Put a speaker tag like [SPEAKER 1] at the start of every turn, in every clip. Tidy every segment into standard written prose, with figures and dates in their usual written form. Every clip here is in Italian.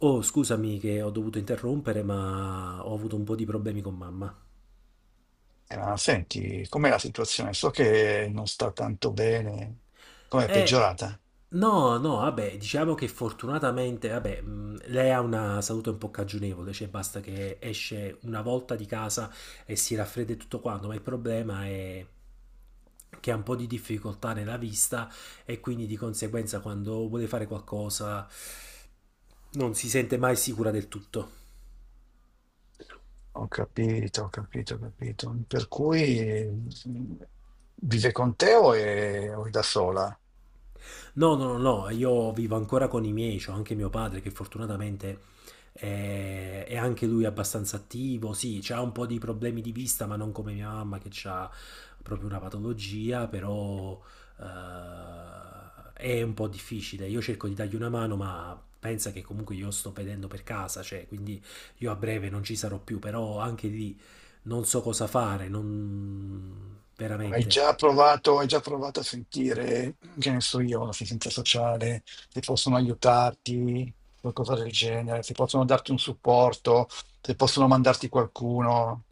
[SPEAKER 1] Oh, scusami che ho dovuto interrompere, ma ho avuto un po' di problemi con mamma.
[SPEAKER 2] Ma senti, com'è la situazione? So che non sta tanto bene. Com'è
[SPEAKER 1] Eh,
[SPEAKER 2] peggiorata?
[SPEAKER 1] no, no, vabbè, diciamo che fortunatamente, vabbè, lei ha una salute un po' cagionevole, cioè basta che esce una volta di casa e si raffredda e tutto quanto, ma il problema è che ha un po' di difficoltà nella vista e quindi di conseguenza quando vuole fare qualcosa non si sente mai sicura del tutto.
[SPEAKER 2] Ho capito, ho capito, ho capito. Per cui vive con te o è da sola?
[SPEAKER 1] No, no, no, no, io vivo ancora con i miei, c'ho anche mio padre che fortunatamente è anche lui abbastanza attivo, sì, c'ha un po' di problemi di vista, ma non come mia mamma che ha proprio una patologia, però è un po' difficile. Io cerco di dargli una mano, ma pensa che comunque io sto pedendo per casa, cioè, quindi io a breve non ci sarò più, però anche lì non so cosa fare, non veramente.
[SPEAKER 2] Hai già provato a sentire, che ne so io, l'assistenza sociale, se possono aiutarti, qualcosa del genere, se possono darti un supporto, se possono mandarti qualcuno.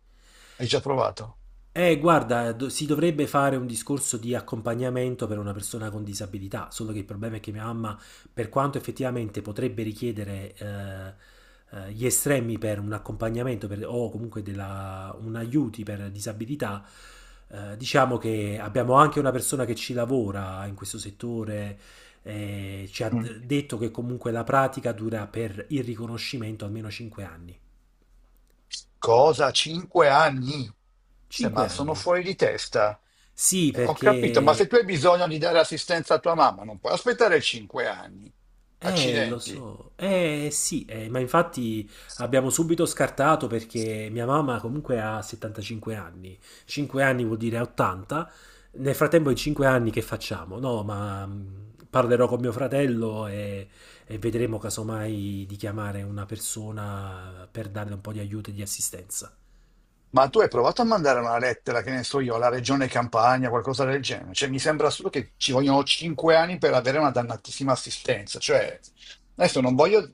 [SPEAKER 2] Hai già provato?
[SPEAKER 1] Guarda, si dovrebbe fare un discorso di accompagnamento per una persona con disabilità, solo che il problema è che mia mamma, per quanto effettivamente potrebbe richiedere gli estremi per un accompagnamento o comunque un aiuti per disabilità, diciamo che abbiamo anche una persona che ci lavora in questo settore, ci ha
[SPEAKER 2] Mm.
[SPEAKER 1] detto che comunque la pratica dura per il riconoscimento almeno 5 anni.
[SPEAKER 2] Cosa? Cinque anni? Se
[SPEAKER 1] 5
[SPEAKER 2] ma sono
[SPEAKER 1] anni.
[SPEAKER 2] fuori di testa.
[SPEAKER 1] Sì,
[SPEAKER 2] Ho capito, ma se
[SPEAKER 1] perché.
[SPEAKER 2] tu hai bisogno di dare assistenza a tua mamma, non puoi aspettare cinque anni.
[SPEAKER 1] Lo
[SPEAKER 2] Accidenti.
[SPEAKER 1] so, eh sì, ma infatti abbiamo subito scartato perché mia mamma comunque ha 75 anni, 5 anni vuol dire 80, nel frattempo in 5 anni che facciamo? No, ma parlerò con mio fratello e vedremo casomai di chiamare una persona per darle un po' di aiuto e di assistenza.
[SPEAKER 2] Ma tu hai provato a mandare una lettera, che ne so io, alla regione Campania, qualcosa del genere? Cioè, mi sembra solo che ci vogliono cinque anni per avere una dannatissima assistenza. Cioè, adesso non voglio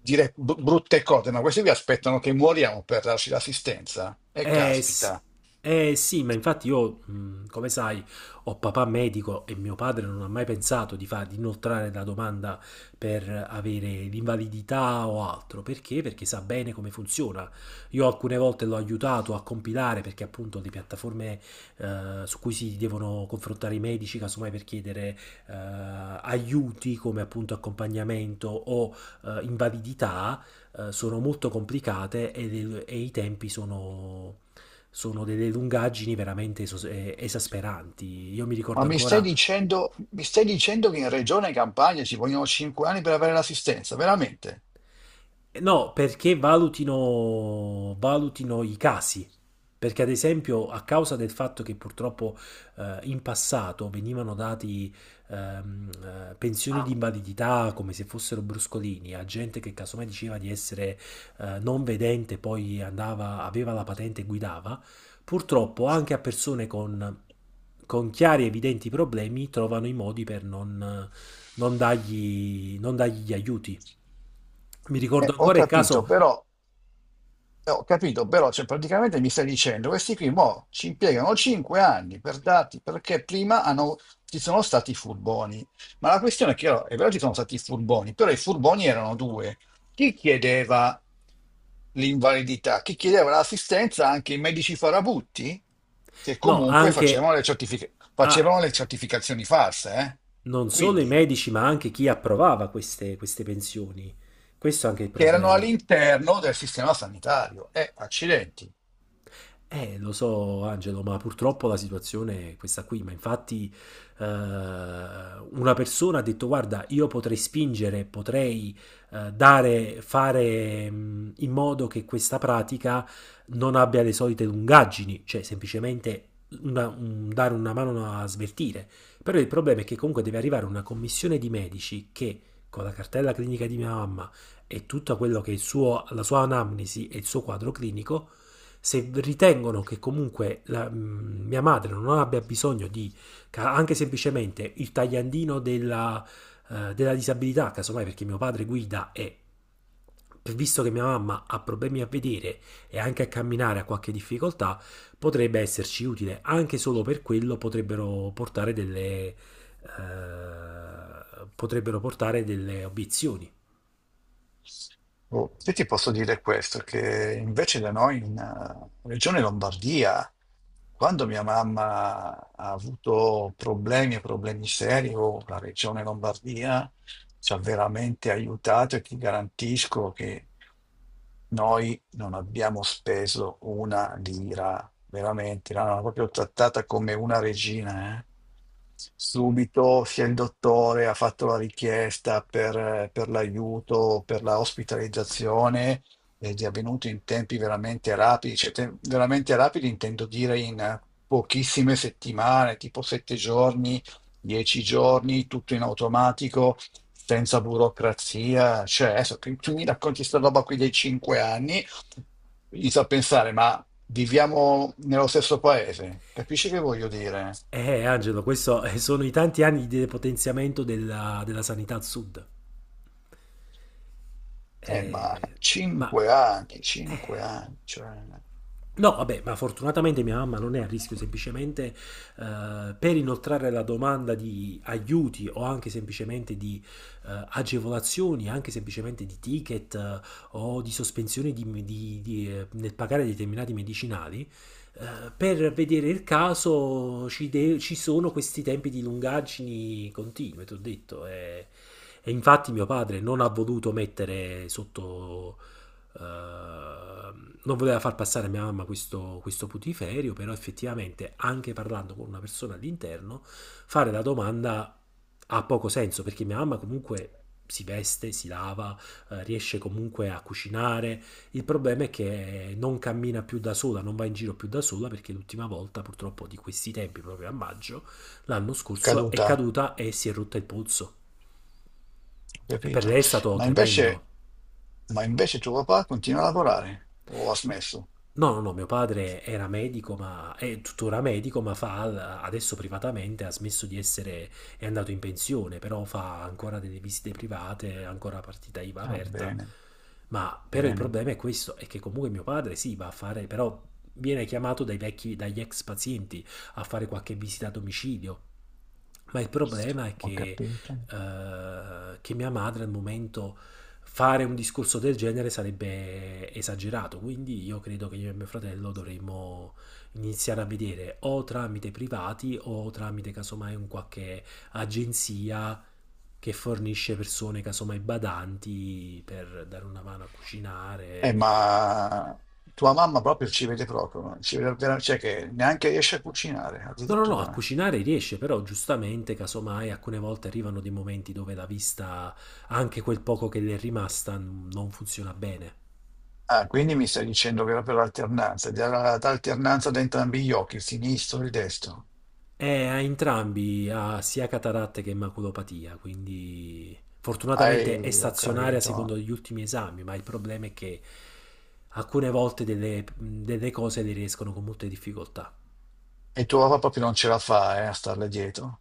[SPEAKER 2] dire bu- brutte cose, ma questi vi aspettano che muoriamo per darci l'assistenza. E
[SPEAKER 1] Eh, sì-
[SPEAKER 2] caspita.
[SPEAKER 1] sì, ma infatti io, come sai, ho papà medico e mio padre non ha mai pensato di inoltrare la domanda per avere l'invalidità o altro. Perché? Perché sa bene come funziona. Io alcune volte l'ho aiutato a compilare perché appunto le piattaforme su cui si devono confrontare i medici, casomai per chiedere eh, aiuti come appunto accompagnamento o invalidità sono molto complicate e i tempi sono delle lungaggini veramente esasperanti. Io mi
[SPEAKER 2] Ma
[SPEAKER 1] ricordo ancora.
[SPEAKER 2] mi stai dicendo che in Regione Campania ci vogliono cinque anni per avere l'assistenza, veramente?
[SPEAKER 1] No, perché valutino i casi. Perché, ad esempio, a causa del fatto che purtroppo in passato venivano dati ehm, pensioni di invalidità come se fossero bruscolini a gente che casomai diceva di essere non vedente, poi andava, aveva la patente e guidava, purtroppo anche a persone con chiari e evidenti problemi trovano i modi per non dargli gli aiuti. Mi ricordo
[SPEAKER 2] Eh, ho
[SPEAKER 1] ancora il
[SPEAKER 2] capito,
[SPEAKER 1] caso.
[SPEAKER 2] però, ho capito, però, cioè, praticamente mi stai dicendo, questi qui mo ci impiegano 5 anni per dati, perché prima hanno- ci sono stati furboni. Ma la questione è che oh, è vero ci sono stati furboni, però i furboni erano due. Chi chiedeva l'invalidità? Chi chiedeva l'assistenza? Anche i medici farabutti, che
[SPEAKER 1] No,
[SPEAKER 2] comunque
[SPEAKER 1] anche
[SPEAKER 2] facevano le, certific-
[SPEAKER 1] a
[SPEAKER 2] facevano le certificazioni false, eh?
[SPEAKER 1] non solo i
[SPEAKER 2] Quindi,
[SPEAKER 1] medici, ma anche chi approvava queste pensioni. Questo è anche il
[SPEAKER 2] che erano
[SPEAKER 1] problema.
[SPEAKER 2] all'interno del sistema sanitario. Accidenti.
[SPEAKER 1] Lo so, Angelo, ma purtroppo la situazione è questa qui. Ma infatti, una persona ha detto: Guarda, io potrei spingere, potrei dare, fare in modo che questa pratica non abbia le solite lungaggini, cioè semplicemente dare una mano a svertire. Però il problema è che comunque deve arrivare una commissione di medici che con la cartella clinica di mia mamma, e tutta quello che è il suo, la sua anamnesi e il suo quadro clinico, se ritengono che comunque mia madre non abbia bisogno di anche semplicemente il tagliandino della disabilità, casomai perché mio padre guida e visto che mia mamma ha problemi a vedere e anche a camminare ha qualche difficoltà, potrebbe esserci utile. Anche solo per quello potrebbero portare delle obiezioni.
[SPEAKER 2] Oh, io ti posso dire questo, che invece da noi in Regione Lombardia, quando mia mamma ha avuto problemi, problemi seri, oh, la Regione Lombardia ci ha veramente aiutato e ti garantisco che noi non abbiamo speso una lira, veramente, l'hanno proprio trattata come una regina. Eh. Subito sia il dottore ha fatto la richiesta per l'aiuto, per la ospitalizzazione ed è avvenuto in tempi veramente rapidi, cioè te- veramente rapidi intendo dire in pochissime settimane, tipo 7 giorni, 10 giorni, tutto in automatico, senza burocrazia. Cioè, adesso tu, tu mi racconti sta roba qui dei cinque anni, inizio a pensare, ma viviamo nello stesso paese? Capisci che voglio dire?
[SPEAKER 1] Angelo, questo sono i tanti anni di depotenziamento della sanità al sud.
[SPEAKER 2] Ma
[SPEAKER 1] Eh, ma
[SPEAKER 2] cinque anni, cioè,
[SPEAKER 1] No, vabbè, ma fortunatamente mia mamma non è a rischio, semplicemente per inoltrare la domanda di aiuti o anche semplicemente di agevolazioni, anche semplicemente di ticket o di sospensioni nel pagare determinati medicinali, per vedere il caso ci sono questi tempi di lungaggini continue, ti ho detto. E infatti mio padre non ha voluto mettere sotto eh, non voleva far passare a mia mamma questo putiferio, però effettivamente anche parlando con una persona all'interno, fare la domanda ha poco senso perché mia mamma comunque si veste, si lava, riesce comunque a cucinare. Il problema è che non cammina più da sola, non va in giro più da sola perché l'ultima volta, purtroppo, di questi tempi, proprio a maggio, l'anno scorso, è
[SPEAKER 2] caduta,
[SPEAKER 1] caduta e si è rotta il polso.
[SPEAKER 2] ho
[SPEAKER 1] E per
[SPEAKER 2] capito?
[SPEAKER 1] lei è stato
[SPEAKER 2] Ma
[SPEAKER 1] tremendo.
[SPEAKER 2] invece, ma invece tuo papà continua a lavorare, o ha smesso?
[SPEAKER 1] No, no, no, mio padre era medico, ma è tuttora medico, ma fa adesso privatamente, ha smesso di essere, è andato in pensione, però fa ancora delle visite private, ancora partita IVA
[SPEAKER 2] Ah,
[SPEAKER 1] aperta.
[SPEAKER 2] bene,
[SPEAKER 1] Ma però il
[SPEAKER 2] bene,
[SPEAKER 1] problema è questo, è che comunque mio padre sì, va a fare, però viene chiamato dai vecchi, dagli ex pazienti a fare qualche visita a domicilio. Ma il problema è
[SPEAKER 2] ho
[SPEAKER 1] che
[SPEAKER 2] capito.
[SPEAKER 1] eh, che mia madre al momento fare un discorso del genere sarebbe esagerato, quindi io credo che io e mio fratello dovremmo iniziare a vedere o tramite privati o tramite casomai un qualche agenzia che fornisce persone casomai badanti per dare una mano a cucinare.
[SPEAKER 2] Ma tua mamma proprio, ci vede vera- cioè che neanche riesce a cucinare,
[SPEAKER 1] No, no, no, a
[SPEAKER 2] addirittura.
[SPEAKER 1] cucinare riesce, però giustamente, casomai, alcune volte arrivano dei momenti dove la vista, anche quel poco che le è rimasta, non funziona bene.
[SPEAKER 2] Ah, quindi mi stai dicendo che era per l'alternanza, data l'alternanza da entrambi gli occhi, il sinistro e il destro.
[SPEAKER 1] A entrambi ha sia cataratta che maculopatia, quindi
[SPEAKER 2] Ehi,
[SPEAKER 1] fortunatamente è
[SPEAKER 2] ho
[SPEAKER 1] stazionaria
[SPEAKER 2] capito.
[SPEAKER 1] secondo gli ultimi esami, ma il problema è che alcune volte delle cose le riescono con molte difficoltà.
[SPEAKER 2] E tua papà proprio non ce la fa, a starle dietro.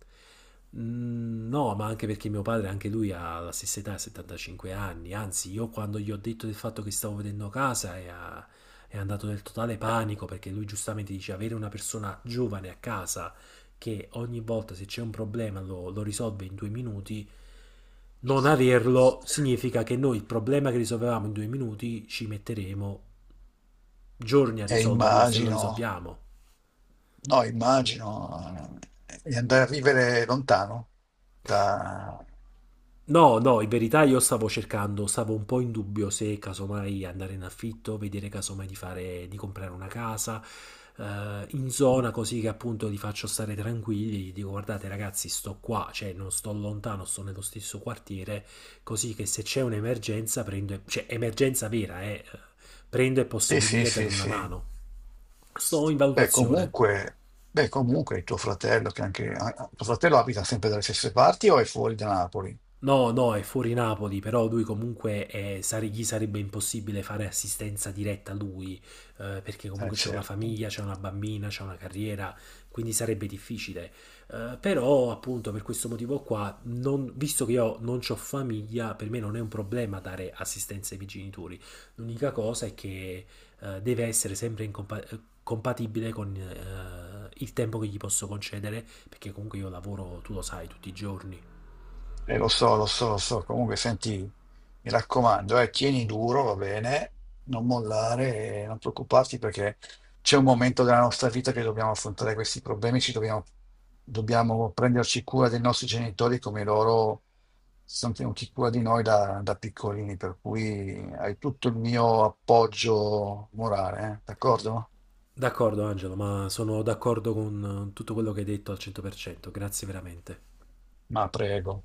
[SPEAKER 1] Mm, no, ma anche perché mio padre, anche lui ha la stessa età, 75 anni. Anzi, io quando gli ho detto del fatto che stavo vedendo casa è andato nel totale
[SPEAKER 2] Eh,
[SPEAKER 1] panico perché lui giustamente dice avere una persona giovane a casa che ogni volta se c'è un problema lo risolve in due minuti, non averlo significa che noi il problema che risolvevamo in due minuti ci metteremo giorni a
[SPEAKER 2] E
[SPEAKER 1] risolverlo se lo
[SPEAKER 2] immagino,
[SPEAKER 1] risolviamo.
[SPEAKER 2] no, immagino, di andare a vivere lontano da,
[SPEAKER 1] No, no, in verità io stavo cercando, stavo un po' in dubbio se casomai andare in affitto, vedere casomai di fare, di comprare una casa in zona così che appunto li faccio stare tranquilli, gli dico guardate ragazzi sto qua, cioè non sto lontano, sto nello stesso quartiere, così che se c'è un'emergenza prendo, cioè emergenza vera, prendo e posso
[SPEAKER 2] sì, sì,
[SPEAKER 1] venire e darvi
[SPEAKER 2] sì,
[SPEAKER 1] una
[SPEAKER 2] sì.
[SPEAKER 1] mano. Sto in
[SPEAKER 2] Beh,
[SPEAKER 1] valutazione.
[SPEAKER 2] comunque, beh, comunque il tuo fratello, che anche, ah, ah, tuo fratello abita sempre dalle stesse parti o è fuori da Napoli?
[SPEAKER 1] No, no, è fuori Napoli, però lui comunque gli sarebbe impossibile fare assistenza diretta a lui, perché comunque c'è una
[SPEAKER 2] Certo.
[SPEAKER 1] famiglia, c'è una bambina, c'è una carriera, quindi sarebbe difficile. Però appunto per questo motivo qua, visto che io non ho famiglia, per me non è un problema dare assistenza ai miei genitori. L'unica cosa è che deve essere sempre in compatibile con il tempo che gli posso concedere, perché comunque io lavoro, tu lo sai, tutti i giorni.
[SPEAKER 2] Lo so, lo so, lo so. Comunque, senti, mi raccomando, tieni duro, va bene, non mollare, non preoccuparti perché c'è un momento della nostra vita che dobbiamo affrontare questi problemi, ci dobbiamo, dobbiamo prenderci cura dei nostri genitori come loro si sono tenuti cura di noi da, da piccolini, per cui hai tutto il mio appoggio morale, d'accordo?
[SPEAKER 1] D'accordo Angelo, ma sono d'accordo con tutto quello che hai detto al 100%, grazie veramente.
[SPEAKER 2] Ma prego.